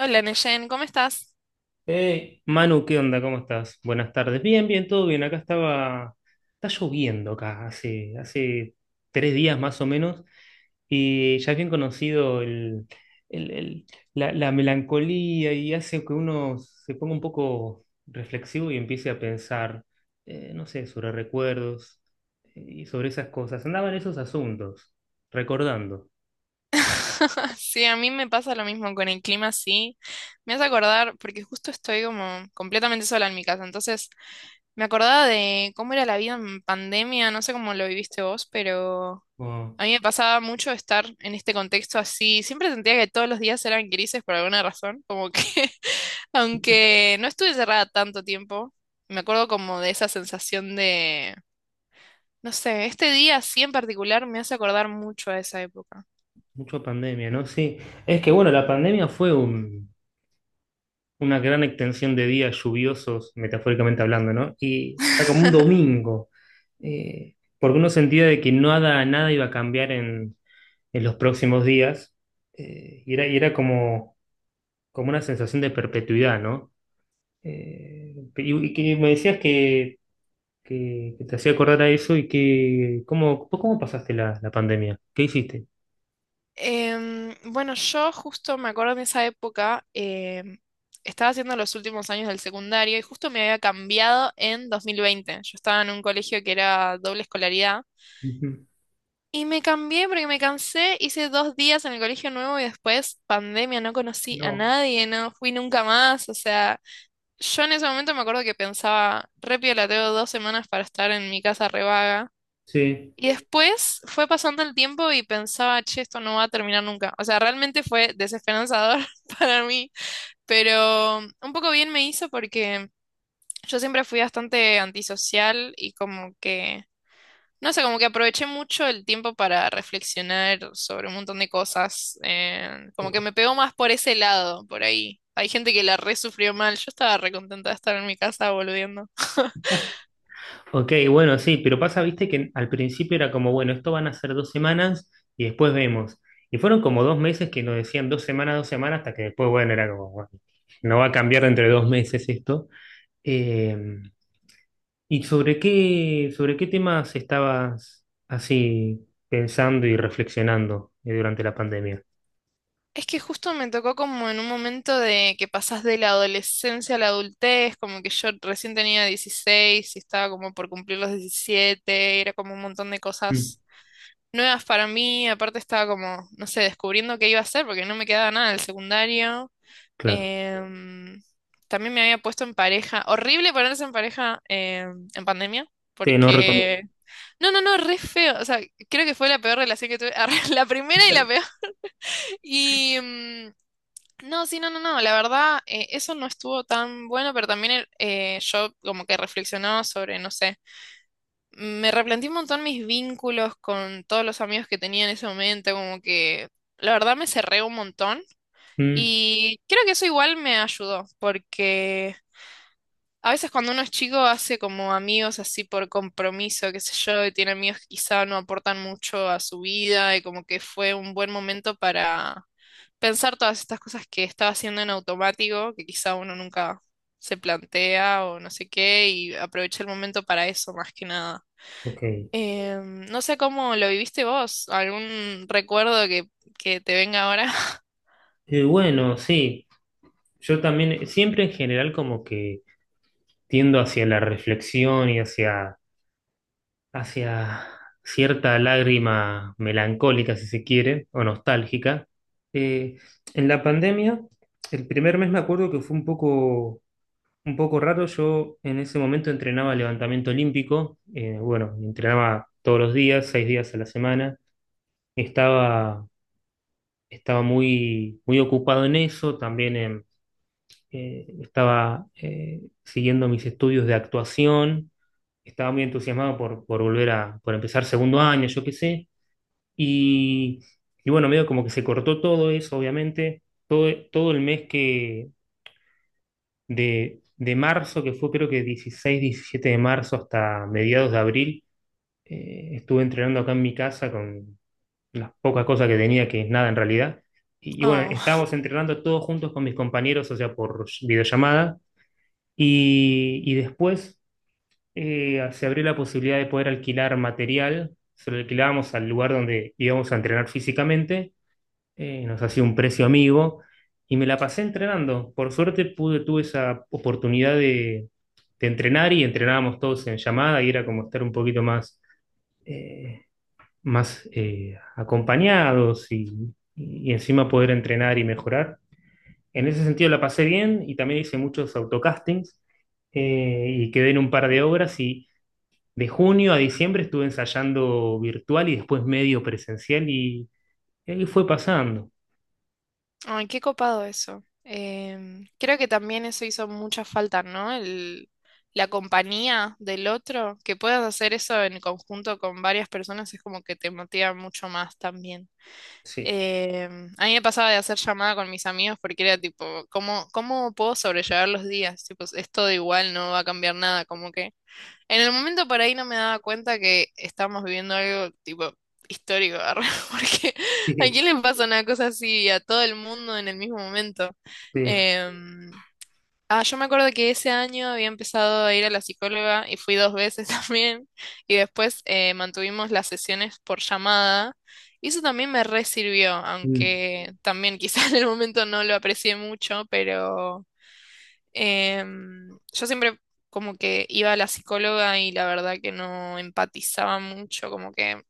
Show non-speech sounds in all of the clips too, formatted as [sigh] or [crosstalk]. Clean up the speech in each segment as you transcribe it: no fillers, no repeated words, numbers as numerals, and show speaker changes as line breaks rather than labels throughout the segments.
Hola, Neyen, ¿cómo estás?
Hey, Manu, ¿qué onda? ¿Cómo estás? Buenas tardes. Bien, bien, todo bien. Acá estaba, está lloviendo acá, hace 3 días más o menos, y ya es bien conocido el- el- la melancolía y hace que uno se ponga un poco reflexivo y empiece a pensar, no sé, sobre recuerdos y sobre esas cosas. Andaban esos asuntos, recordando.
[laughs] Sí, a mí me pasa lo mismo con el clima, sí. Me hace acordar, porque justo estoy como completamente sola en mi casa, entonces me acordaba de cómo era la vida en pandemia, no sé cómo lo viviste vos, pero
Oh,
a mí me pasaba mucho estar en este contexto así. Siempre sentía que todos los días eran grises por alguna razón, como que [laughs] aunque no estuve cerrada tanto tiempo, me acuerdo como de esa sensación de, no sé, este día así en particular me hace acordar mucho a esa época.
mucha pandemia, ¿no? Sí, es que bueno, la pandemia fue una gran extensión de días lluviosos, metafóricamente hablando, ¿no? Y era como un
[laughs]
domingo, porque uno sentía de que nada iba a cambiar en los próximos días, y era como una sensación de perpetuidad, ¿no? Y que me decías que, que te hacía acordar a eso. ¿Cómo pasaste la pandemia? ¿Qué hiciste?
Bueno, yo justo me acuerdo en esa época, estaba haciendo los últimos años del secundario y justo me había cambiado en 2020. Yo estaba en un colegio que era doble escolaridad
Ujú.
y me cambié porque me cansé, hice 2 días en el colegio nuevo y después pandemia, no conocí a
No.
nadie, no fui nunca más. O sea, yo en ese momento me acuerdo que pensaba, re piola, tengo 2 semanas para estar en mi casa revaga
Sí.
y después fue pasando el tiempo y pensaba, che, esto no va a terminar nunca. O sea, realmente fue desesperanzador [laughs] para mí, pero un poco bien me hizo porque yo siempre fui bastante antisocial y como que, no sé, como que aproveché mucho el tiempo para reflexionar sobre un montón de cosas. Como que me pegó más por ese lado, por ahí. Hay gente que la re sufrió mal, yo estaba re contenta de estar en mi casa volviendo. [laughs]
Ok, bueno, sí, pero pasa, viste, que al principio era como, bueno, esto van a ser 2 semanas y después vemos. Y fueron como 2 meses que nos decían 2 semanas, 2 semanas, hasta que después, bueno, era como, bueno, no va a cambiar entre 2 meses esto. Eh, ¿Y sobre qué temas estabas así pensando y reflexionando durante la pandemia?
Es que justo me tocó como en un momento de que pasás de la adolescencia a la adultez, como que yo recién tenía 16 y estaba como por cumplir los 17, era como un montón de
Mm,
cosas nuevas para mí, aparte estaba como, no sé, descubriendo qué iba a hacer porque no me quedaba nada del secundario.
claro,
Em, También me había puesto en pareja, horrible ponerse en pareja en pandemia,
te no recomiendo.
porque... No, no, no, re feo, o sea, creo que fue la peor relación que tuve, [laughs] la primera y la peor. Y... em, no, sí, no, no, no, la verdad, eso no estuvo tan bueno, pero también yo como que reflexionaba sobre, no sé, me replanteé un montón mis vínculos con todos los amigos que tenía en ese momento, como que la verdad me cerré un montón
Mm,
y creo que eso igual me ayudó, porque a veces cuando uno es chico hace como amigos así por compromiso, qué sé yo, y tiene amigos que quizá no aportan mucho a su vida y como que fue un buen momento pensar todas estas cosas que estaba haciendo en automático, que quizá uno nunca se plantea o no sé qué, y aproveché el momento para eso más que nada.
ok.
No sé cómo lo viviste vos, algún recuerdo que te venga ahora. [laughs]
Bueno, sí, yo también, siempre en general como que tiendo hacia la reflexión y hacia cierta lágrima melancólica, si se quiere, o nostálgica. Eh, en la pandemia, el primer mes me acuerdo que fue un poco raro. Yo en ese momento entrenaba levantamiento olímpico, bueno, entrenaba todos los días, 6 días a la semana. Estaba, estaba muy, muy ocupado en eso, también estaba siguiendo mis estudios de actuación. Estaba muy entusiasmado por empezar segundo año, yo qué sé. Y, y bueno, medio como que se cortó todo eso, obviamente. Todo el mes de marzo, que fue creo que 16-17 de marzo hasta mediados de abril. Estuve entrenando acá en mi casa con las pocas cosas que tenía, que es nada en realidad. Y bueno,
Oh,
estábamos entrenando todos juntos con mis compañeros, o sea, por videollamada. Y después, se abrió la posibilidad de poder alquilar material, se lo alquilábamos al lugar donde íbamos a entrenar físicamente, nos hacía un precio amigo y me la pasé entrenando. Por suerte tuve esa oportunidad de entrenar, y entrenábamos todos en llamada y era como estar un poquito eh, más acompañados y encima poder entrenar y mejorar. En ese sentido la pasé bien y también hice muchos autocastings y quedé en un par de obras. De junio a diciembre estuve ensayando virtual y después medio presencial, y ahí fue pasando.
ay, qué copado eso. Creo que también eso hizo mucha falta, ¿no? La compañía del otro, que puedas hacer eso en conjunto con varias personas es como que te motiva mucho más también.
Sí.
Eh, a mí me pasaba de hacer llamada con mis amigos porque era tipo, ¿cómo puedo sobrellevar los días? Tipo, es todo igual, no va a cambiar nada, como que en el momento por ahí no me daba cuenta que estábamos viviendo algo tipo histórico, arre, [laughs] porque
[laughs]
¿a
Sí,
quién le pasa una cosa así a todo el mundo en el mismo momento?
sí.
Em, Ah, yo me acuerdo que ese año había empezado a ir a la psicóloga y fui 2 veces [laughs] también, y después mantuvimos las sesiones por llamada y eso también me re sirvió,
Mm.
aunque también quizás [laughs] en el momento no lo aprecié mucho, pero yo siempre como que iba a la psicóloga y la verdad que no empatizaba mucho, como que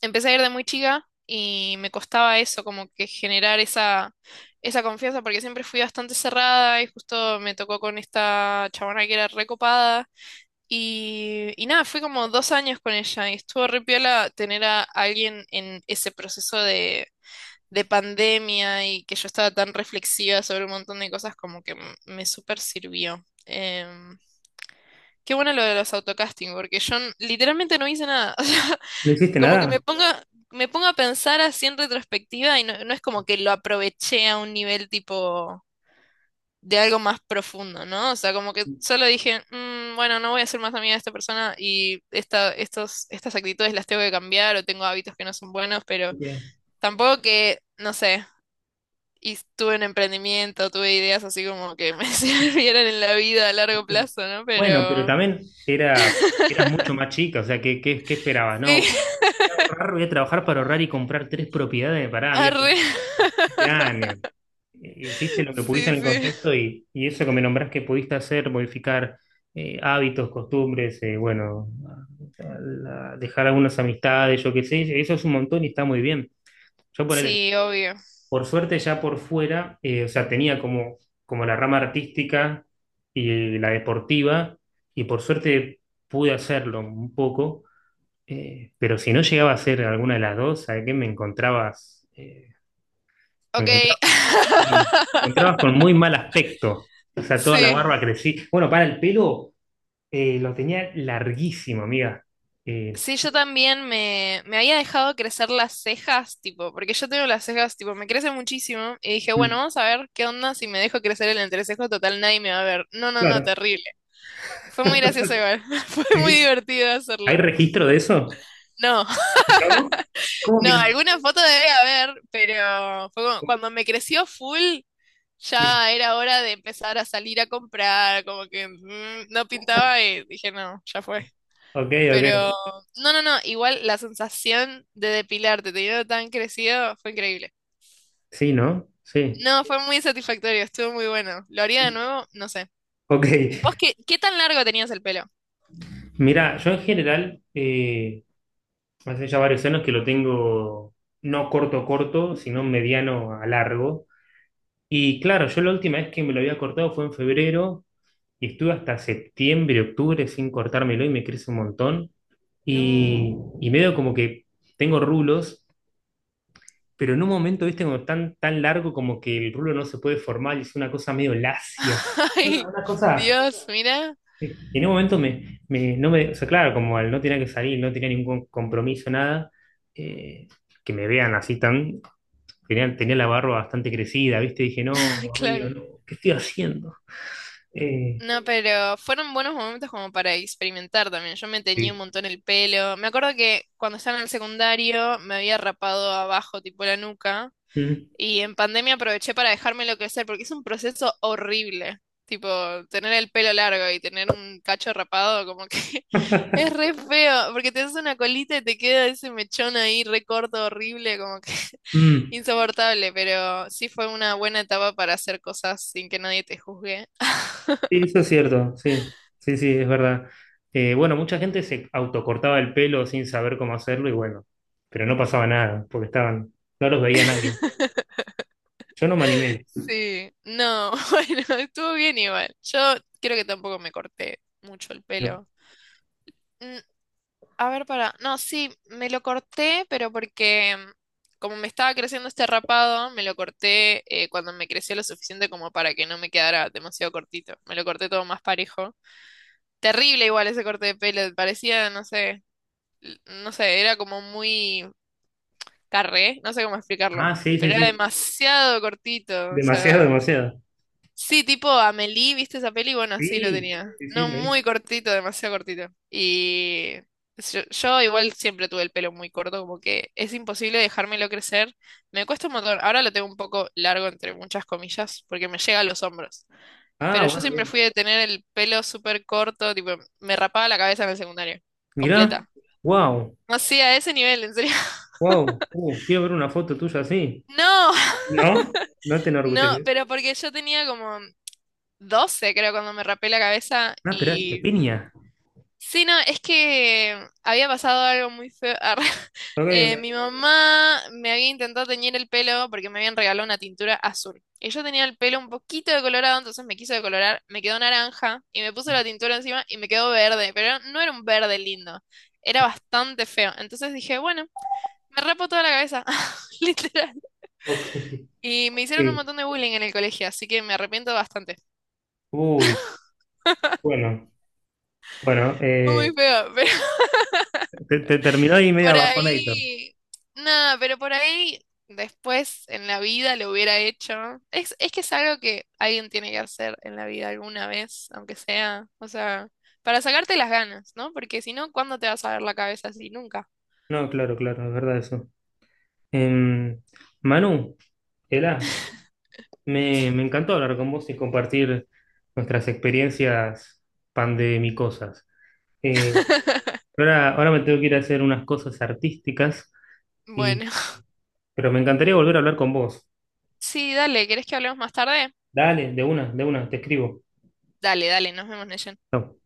empecé a ir de muy chica y me costaba eso, como que generar esa confianza, porque siempre fui bastante cerrada y justo me tocó con esta chabona que era recopada. Y nada, fui como 2 años con ella y estuvo re piola tener a alguien en ese proceso de pandemia y que yo estaba tan reflexiva sobre un montón de cosas, como que me súper sirvió. Qué bueno lo de los autocasting, porque yo literalmente no hice nada. [laughs]
¿No hiciste
Como que me
nada?
pongo, me pongo a pensar así en retrospectiva y no, no es como que lo aproveché a un nivel tipo de algo más profundo, ¿no? O sea, como que solo dije, "Mm, bueno, no voy a ser más amiga de esta persona y estas actitudes las tengo que cambiar o tengo hábitos que no son buenos, pero
Ok,
tampoco que, no sé, y tuve un emprendimiento, tuve ideas así como que me [laughs] sirvieran en la vida a largo
ok.
plazo, ¿no?
Bueno, pero
Pero...
también eras mucho más chica, o sea, ¿qué esperabas? No,
Sí,
voy
[laughs]
a ahorrar, voy a trabajar para ahorrar y comprar tres propiedades. Pará, había
arre.
tenido
[laughs]
7 años. Hiciste lo que pudiste
Sí,
en el
sí.
contexto, y eso que me nombrás que pudiste hacer, modificar hábitos, costumbres, bueno, a- dejar algunas amistades, yo qué sé, eso es un montón y está muy bien. Yo ponele,
Sí, obvio.
por suerte ya por fuera, o sea, tenía como la rama artística y la deportiva, y por suerte pude hacerlo un poco, pero si no llegaba a ser alguna de las dos, ¿sabes qué me encontrabas? Me
Ok,
encontraba.
[laughs]
Ok. Te encontrabas con muy mal aspecto. O sea, toda la
sí.
barba crecí. Bueno, para el pelo, lo tenía larguísimo, amiga. Eh,
Sí, yo también me había dejado crecer las cejas, tipo, porque yo tengo las cejas, tipo, me crecen muchísimo. Y dije, bueno,
Mm.
vamos a ver qué onda si me dejo crecer el entrecejo, total, nadie me va a ver. No, no, no,
Claro.
terrible. Fue muy gracioso igual. [laughs] Fue muy
Sí.
divertido
¿Hay
hacerlo.
registro de eso?
No,
¿No?
[laughs]
¿Cómo que
no,
no?
alguna foto debe haber, pero fue cuando me creció full,
Mm.
ya era hora de empezar a salir a comprar, como que no pintaba y dije, no, ya fue.
Ok, ok.
Pero, no, no, no, igual la sensación de depilarte teniendo tan crecido fue increíble.
Sí, ¿no? Sí.
No, fue muy satisfactorio, estuvo muy bueno. ¿Lo haría de nuevo? No sé.
Ok.
¿Vos qué tan largo tenías el pelo?
Mira, yo en general, hace ya varios años que lo tengo no corto corto, sino mediano a largo. Y claro, yo la última vez que me lo había cortado fue en febrero, y estuve hasta septiembre, octubre sin cortármelo, y me crece un montón.
No.
Y, y medio como que tengo rulos, pero en un momento, viste, como tan, tan largo, como que el rulo no se puede formar y es una cosa medio lacia.
[laughs]
Una,
Ay,
una cosa,
Dios, mira.
en un momento me, me- no me, o sea, claro, como al no tenía que salir, no tenía ningún compromiso, nada, eh, que me vean así tenía la barba bastante crecida, viste, dije, no,
[laughs]
amigo,
Claro.
no, ¿qué estoy haciendo? Eh,
No, pero fueron buenos momentos como para experimentar también. Yo me teñí un
sí.
montón el pelo. Me acuerdo que cuando estaba en el secundario me había rapado abajo, tipo la nuca.
Mm.
Y en pandemia aproveché para dejármelo crecer porque es un proceso horrible. Tipo, tener el pelo largo y tener un cacho rapado, como que [laughs] es re feo, porque te haces una colita y te queda ese mechón ahí re corto, horrible, como que [laughs]
[laughs]
insoportable, pero sí fue una buena etapa para hacer cosas sin que nadie te juzgue.
Sí, eso es cierto, sí, sí, sí, es verdad. Bueno, mucha gente se autocortaba el pelo sin saber cómo hacerlo y bueno, pero no pasaba nada, porque no los veía nadie. Yo no me
[laughs]
animé,
Sí, no, [laughs] bueno, estuvo bien igual. Yo creo que tampoco me corté mucho el
¿no?
pelo. A ver, para. No, sí, me lo corté, pero porque como me estaba creciendo este rapado, me lo corté cuando me creció lo suficiente como para que no me quedara demasiado cortito. Me lo corté todo más parejo. Terrible igual ese corte de pelo, parecía, no sé, no sé, era como muy carré, no sé cómo explicarlo,
Ah, sí, sí,
pero era
sí,
demasiado cortito, o
demasiado,
sea.
demasiado.
Sí, tipo Amélie, ¿viste esa peli? Bueno, así lo
Sí,
tenía.
sí, sí,
No,
lo
muy
vi.
cortito, demasiado cortito. Y yo igual siempre tuve el pelo muy corto, como que es imposible dejármelo crecer. Me cuesta un montón. Ahora lo tengo un poco largo, entre muchas comillas, porque me llega a los hombros.
Ah,
Pero yo
bueno,
siempre
bien.
fui de tener el pelo súper corto, tipo, me rapaba la cabeza en el secundario,
Mirá,
completa.
wow,
No, sí, a ese nivel, en serio. [laughs]
wow, quiero ver una foto tuya así.
No,
¿No? ¿No te
no,
enorgulleces?
pero porque yo tenía como 12 creo, cuando me rapé la cabeza
No, esperá, te
y
piña.
sí, no, es que había pasado algo muy feo. [laughs] arre.
Ok, ok.
Mi mamá me había intentado teñir el pelo porque me habían regalado una tintura azul. Y yo tenía el pelo un poquito decolorado, entonces me quiso decolorar, me quedó naranja y me puso la tintura encima y me quedó verde, pero no era un verde lindo, era bastante feo. Entonces dije, bueno, me rapo toda la cabeza, [laughs] literal.
Ok. [laughs]
Y me
Ok.
hicieron un montón de bullying en el colegio, así que me arrepiento bastante.
Uy, bueno, bueno,
Fue muy
eh,
feo. [laughs]
Te, te terminó ahí media
Por
bajonator.
ahí, nada, pero por ahí después en la vida lo hubiera hecho. Es que es algo que alguien tiene que hacer en la vida alguna vez, aunque sea, o sea, para sacarte las ganas, ¿no? Porque si no, ¿cuándo te vas a ver la cabeza así? Nunca.
No, claro, claro, es verdad eso. Em, Manu, Ela, me encantó hablar con vos y compartir nuestras experiencias pandemicosas. Eh,
[laughs]
ahora me tengo que ir a hacer unas cosas artísticas, y,
Bueno,
pero me encantaría volver a hablar con vos.
sí, dale, ¿querés que hablemos más tarde?
Dale, de una, te escribo.
Dale, dale, nos vemos, Neyen.
Chau.